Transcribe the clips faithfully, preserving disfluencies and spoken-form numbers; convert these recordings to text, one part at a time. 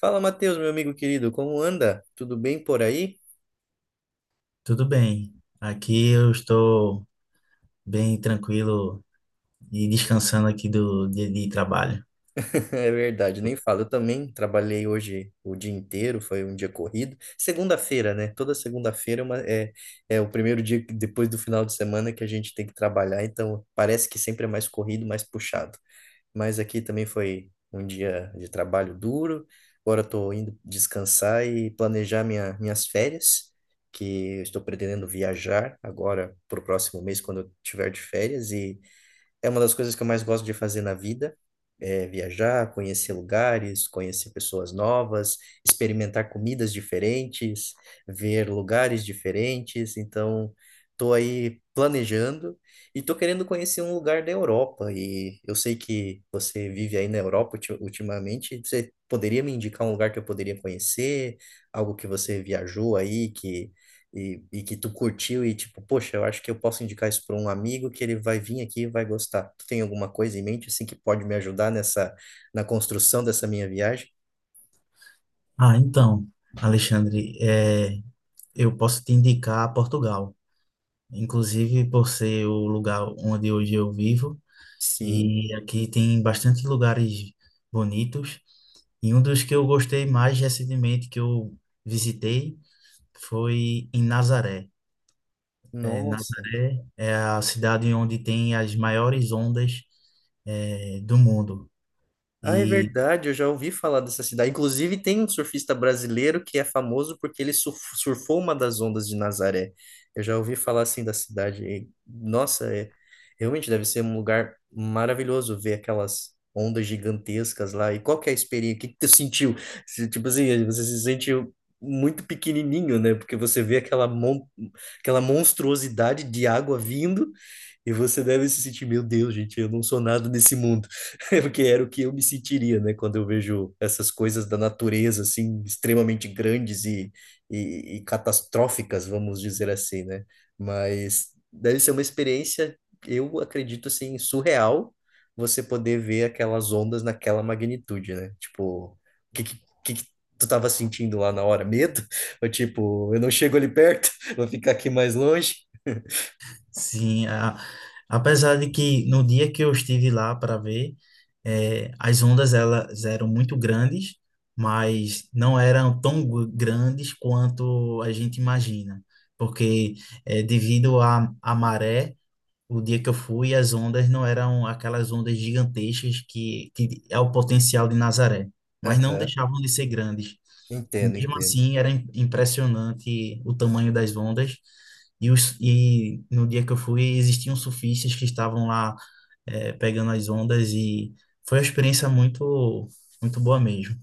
Fala, Matheus, meu amigo querido, como anda? Tudo bem por aí? Tudo bem. Aqui eu estou bem tranquilo e descansando aqui do dia de trabalho. É verdade, nem falo. Eu também trabalhei hoje o dia inteiro, foi um dia corrido. Segunda-feira, né? Toda segunda-feira é, uma- é é o primeiro dia que- depois do final de semana que a gente tem que trabalhar, então parece que sempre é mais corrido, mais puxado. Mas aqui também foi um dia de trabalho duro. Agora estou indo descansar e planejar minha, minhas férias, que eu estou pretendendo viajar agora para o próximo mês, quando eu tiver de férias. e É uma das coisas que eu mais gosto de fazer na vida, é viajar, conhecer lugares, conhecer pessoas novas, experimentar comidas diferentes, ver lugares diferentes. Então, tô aí planejando e tô querendo conhecer um lugar da Europa. E eu sei que você vive aí na Europa ulti- ultimamente. Você poderia me indicar um lugar que eu poderia conhecer? Algo que você viajou aí que e, e que tu curtiu e tipo, poxa, eu acho que eu posso indicar isso para um amigo que ele vai vir aqui e vai gostar. Tu tem alguma coisa em mente assim que pode me ajudar nessa na construção dessa minha viagem? Ah, então, Alexandre, é, eu posso te indicar Portugal. Inclusive, por ser o lugar onde hoje eu vivo, Sim. e aqui tem bastante lugares bonitos. E um dos que eu gostei mais recentemente que eu visitei foi em Nazaré. Eh, Nossa. Nazaré é a cidade onde tem as maiores ondas, eh, do mundo. Ah, é E verdade, eu já ouvi falar dessa cidade. Inclusive, tem um surfista brasileiro que é famoso porque ele surf- surfou uma das ondas de Nazaré. Eu já ouvi falar assim da cidade. E, nossa, é, realmente deve ser um lugar maravilhoso ver aquelas ondas gigantescas lá. E qual que é a experiência? O que que tu sentiu? Se, Tipo assim, você se sentiu muito pequenininho, né? Porque você vê aquela, mon aquela monstruosidade de água vindo e você deve se sentir, meu Deus, gente, eu não sou nada nesse mundo. Porque era o que eu me sentiria, né, quando eu vejo essas coisas da natureza, assim, extremamente grandes e, e, e catastróficas, vamos dizer assim, né? Mas deve ser uma experiência, eu acredito, assim, surreal você poder ver aquelas ondas naquela magnitude, né? Tipo, o que, que, que que tu tava sentindo lá na hora? Medo? Ou tipo, eu não chego ali perto, vou ficar aqui mais longe? sim, a- apesar de que no dia que eu estive lá para ver, eh, as ondas elas eram muito grandes, mas não eram tão gu- grandes quanto a gente imagina, porque eh, devido à à maré, o dia que eu fui, as ondas não eram aquelas ondas gigantescas que, que é o potencial de Nazaré, mas não Aham. deixavam de ser grandes. Entendo, Mesmo entendo. assim, era im- impressionante o tamanho das ondas. E, os, e no dia que eu fui, existiam surfistas que estavam lá eh, pegando as ondas e foi uma experiência muito, muito boa mesmo,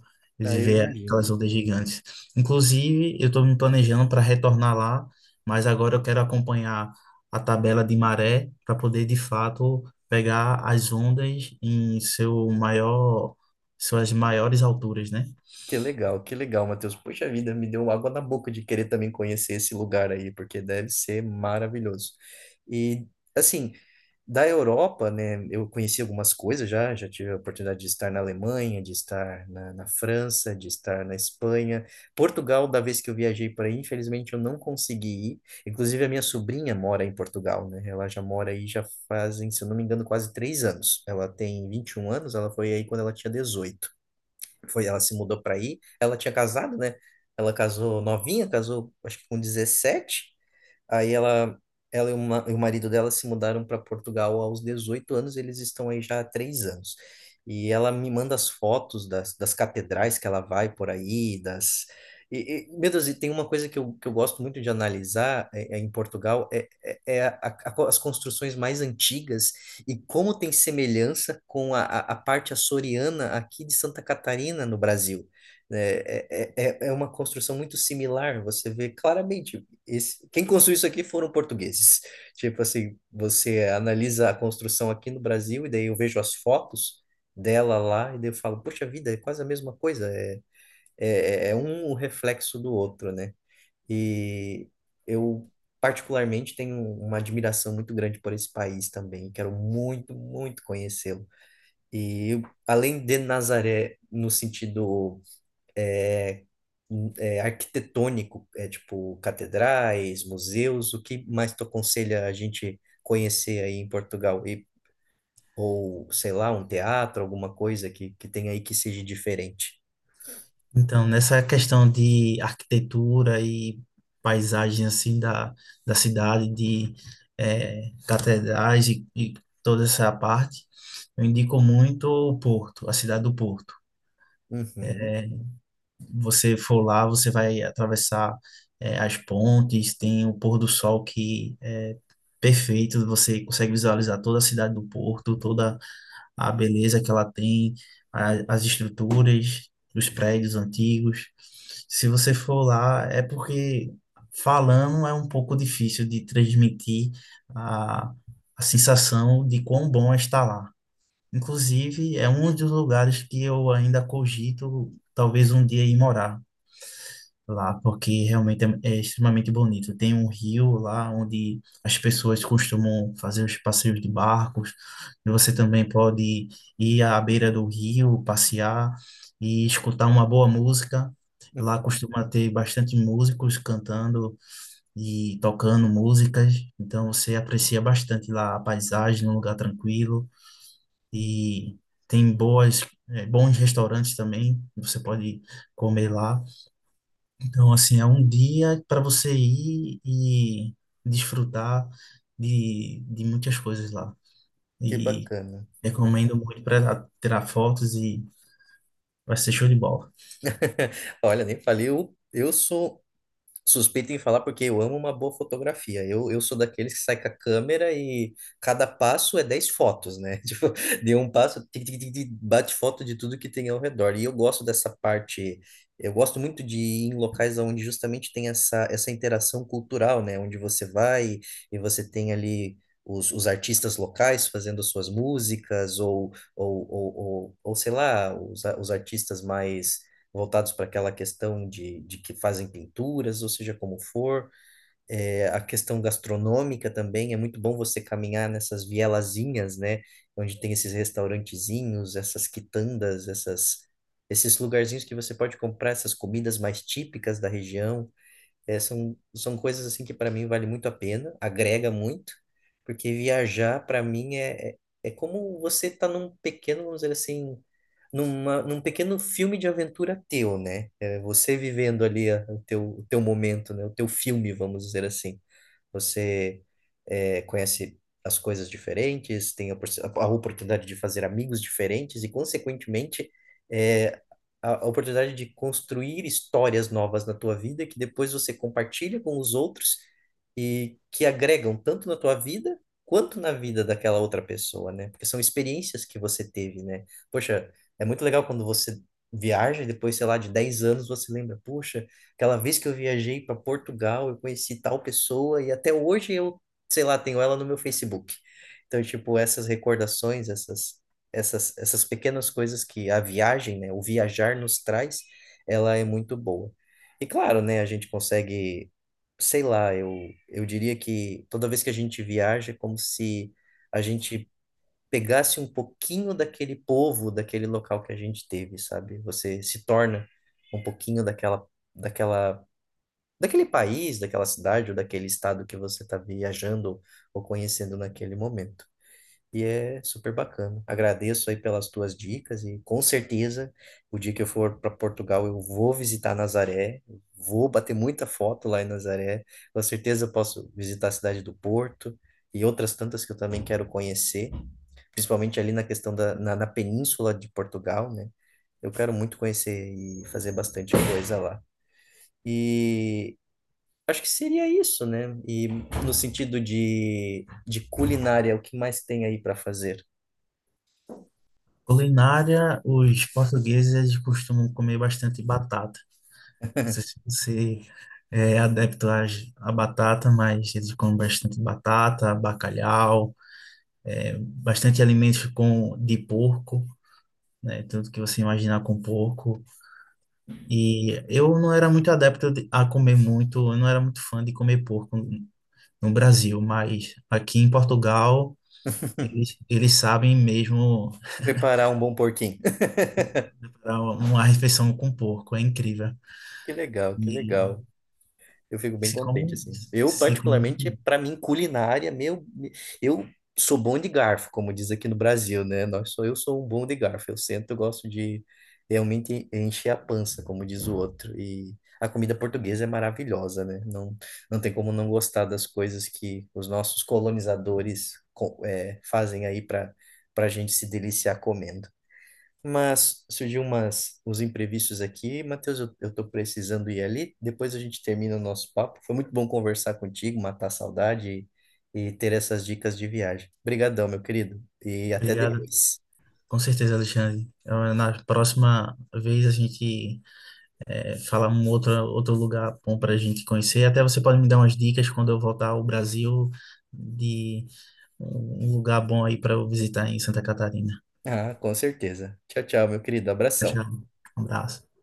Ah, de eu ver imagino. aquelas ondas gigantes. Inclusive, eu estou me planejando para retornar lá, mas agora eu quero acompanhar a tabela de maré para poder, de fato, pegar as ondas em seu maior, suas maiores alturas, né? Que legal, que legal, Matheus. Poxa vida, me deu água na boca de querer também conhecer esse lugar aí, porque deve ser maravilhoso. E, assim, da Europa, né, eu conheci algumas coisas já, já tive a oportunidade de estar na Alemanha, de estar na, na França, de estar na Espanha. Portugal, da vez que eu viajei para aí, infelizmente eu não consegui ir. Inclusive, a minha sobrinha mora em Portugal, né? Ela já mora aí já fazem, se eu não me engano, quase três anos. Ela tem vinte e um anos, ela foi aí quando ela tinha dezoito foi, Ela se mudou para aí. Ela tinha casado, né? Ela casou novinha, casou acho que com dezessete. Aí ela, ela e, uma, e o marido dela se mudaram para Portugal aos dezoito anos, eles estão aí já há três anos. E ela me manda as fotos das, das catedrais que ela vai por aí, das. E, e, meu Deus, e tem uma coisa que eu, que eu gosto muito de analisar é, é em Portugal, é, é, é a- a- co- as construções mais antigas e como tem semelhança com a, a, a parte açoriana aqui de Santa Catarina, no Brasil. É, é, é, é é uma construção muito similar, você vê claramente esse, quem construiu isso aqui foram portugueses. Tipo assim, você analisa a construção aqui no Brasil e daí eu vejo as fotos dela lá e daí eu falo, poxa vida, é quase a mesma coisa, é, é, é é um reflexo do outro, né? E eu particularmente tenho uma admiração muito grande por esse país também, quero muito, muito conhecê-lo. E além de Nazaré no sentido é, é, arquitetônico, é tipo catedrais, museus, o que mais tu aconselha a gente conhecer aí em Portugal? E, ou, sei lá, um teatro, alguma coisa que, que tem aí que seja diferente. Então, nessa questão de arquitetura e paisagem assim da, da cidade, de eh, catedrais e, e toda essa parte, eu indico muito o Porto, a cidade do Porto. Uhum, Você for lá, você vai atravessar eh, as pontes, tem o pôr do sol que é perfeito, você consegue visualizar toda a cidade do Porto, toda a beleza que ela tem, a- as estruturas dos prédios antigos. Se você for lá, é porque falando é um pouco difícil de transmitir a, a sensação de quão bom é estar lá. Inclusive, é um dos lugares que eu ainda cogito talvez um dia ir morar lá, porque realmente é, é extremamente bonito. Tem um rio lá onde as pessoas costumam fazer os passeios de barcos, e você também pode ir à beira do rio, passear e escutar uma boa música. Lá uhum. costuma ter bastante músicos cantando e tocando músicas, então você aprecia bastante lá a paisagem, um lugar tranquilo e tem boas, eh, bons restaurantes também, você pode comer lá. Então, assim, é um dia para você ir e desfrutar de, de muitas coisas lá. Que E bacana. Uhum. recomendo muito para tirar fotos e vai ser show de bola. Olha, nem falei, eu, eu sou suspeito em falar porque eu amo uma boa fotografia. Eu, eu sou daqueles que sai com a câmera e cada passo é dez fotos, né? Tipo, de um passo, tic, tic, tic, tic, bate foto de tudo que tem ao redor. E eu gosto dessa parte, eu gosto muito de ir em locais onde justamente tem essa, essa interação cultural, né? Onde você vai e você tem ali Os, os artistas locais fazendo suas músicas, ou, ou, ou, ou, ou sei lá, os, a- os artistas mais voltados para aquela questão de, de que fazem pinturas, ou seja, como for. É, a questão gastronômica também, é muito bom você caminhar nessas vielazinhas, né? Onde tem esses restaurantezinhos, essas quitandas, essas, esses lugarzinhos que você pode comprar essas comidas mais típicas da região. É, são, são coisas assim que para mim vale muito a pena, agrega muito, porque viajar para mim é, é, é como você tá num pequeno, vamos dizer assim, numa, num pequeno filme de aventura teu, né? É você vivendo ali a- o teu, o teu momento, né? O teu filme, vamos dizer assim. Você eh, conhece as coisas diferentes, tem a, porci- a oportunidade de fazer amigos diferentes e, consequentemente, eh, a, a oportunidade de construir histórias novas na tua vida que depois você compartilha com os outros e que agregam tanto na tua vida quanto na vida daquela outra pessoa, né? Porque são experiências que você teve, né? Poxa, é muito legal quando você viaja e depois, sei lá, de dez anos você lembra, poxa, aquela vez que eu viajei para Portugal, eu conheci tal pessoa e até hoje eu, sei lá, tenho ela no meu Facebook. Então, tipo, essas recordações, essas, essas, essas pequenas coisas que a viagem, né, o viajar nos traz, ela é muito boa. E claro, né, a gente consegue, sei lá, eu, eu diria que toda vez que a gente viaja, é como se a gente pegasse um pouquinho daquele povo, daquele local que a gente teve, sabe? Você se torna um pouquinho daquela daquela daquele país, daquela cidade ou daquele estado que você está viajando ou conhecendo naquele momento. E é super bacana. Agradeço aí pelas tuas dicas e com certeza o dia que eu for para Portugal eu vou visitar Nazaré, vou bater muita foto lá em Nazaré. Com certeza eu posso visitar a cidade do Porto e outras tantas que eu também quero conhecer, principalmente ali na questão da na, na península de Portugal, né? Eu quero muito conhecer e fazer bastante coisa lá. E acho que seria isso, né? E no sentido de, de culinária, o que mais tem aí para fazer? Culinária, os portugueses eles costumam comer bastante batata. Não sei se você é é adepto às- à batata, mas eles comem bastante batata, bacalhau, bastante alimentos com, de porco, né? Tudo que você imaginar com porco. E eu não era muito adepto de- a comer muito, eu não era muito fã de comer porco no no Brasil, mas aqui em Portugal eles, eles sabem mesmo Preparar um bom porquinho. preparar uma refeição com porco, é incrível. Que legal, que legal. E Eu fico bem se contente, come, assim. Eu, se come. particularmente, para mim, culinária, meu, eu sou bom de garfo, como diz aqui no Brasil, né? Nós sou, eu sou um bom de garfo. Eu sento, eu gosto de realmente encher a pança, como diz o outro. E a comida portuguesa é maravilhosa, né? Não, não tem como não gostar das coisas que os nossos colonizadores co- é, fazem aí para para a gente se deliciar comendo. Mas surgiu umas, uns imprevistos aqui. Matheus, eu, eu tô precisando ir ali. Depois a gente termina o nosso papo. Foi muito bom conversar contigo, matar a saudade e, e ter essas dicas de viagem. Obrigadão, meu querido. E até Obrigado, depois. com certeza, Alexandre. Eu- Na próxima vez a gente é, fala um outro, outro lugar bom para a gente conhecer. Até você pode me dar umas dicas quando eu voltar ao Brasil. um um lugar bom aí para eu visitar em Santa Catarina. Ah, com certeza. Tchau, tchau, meu querido. Tchau, Abração. tchau. Um abraço.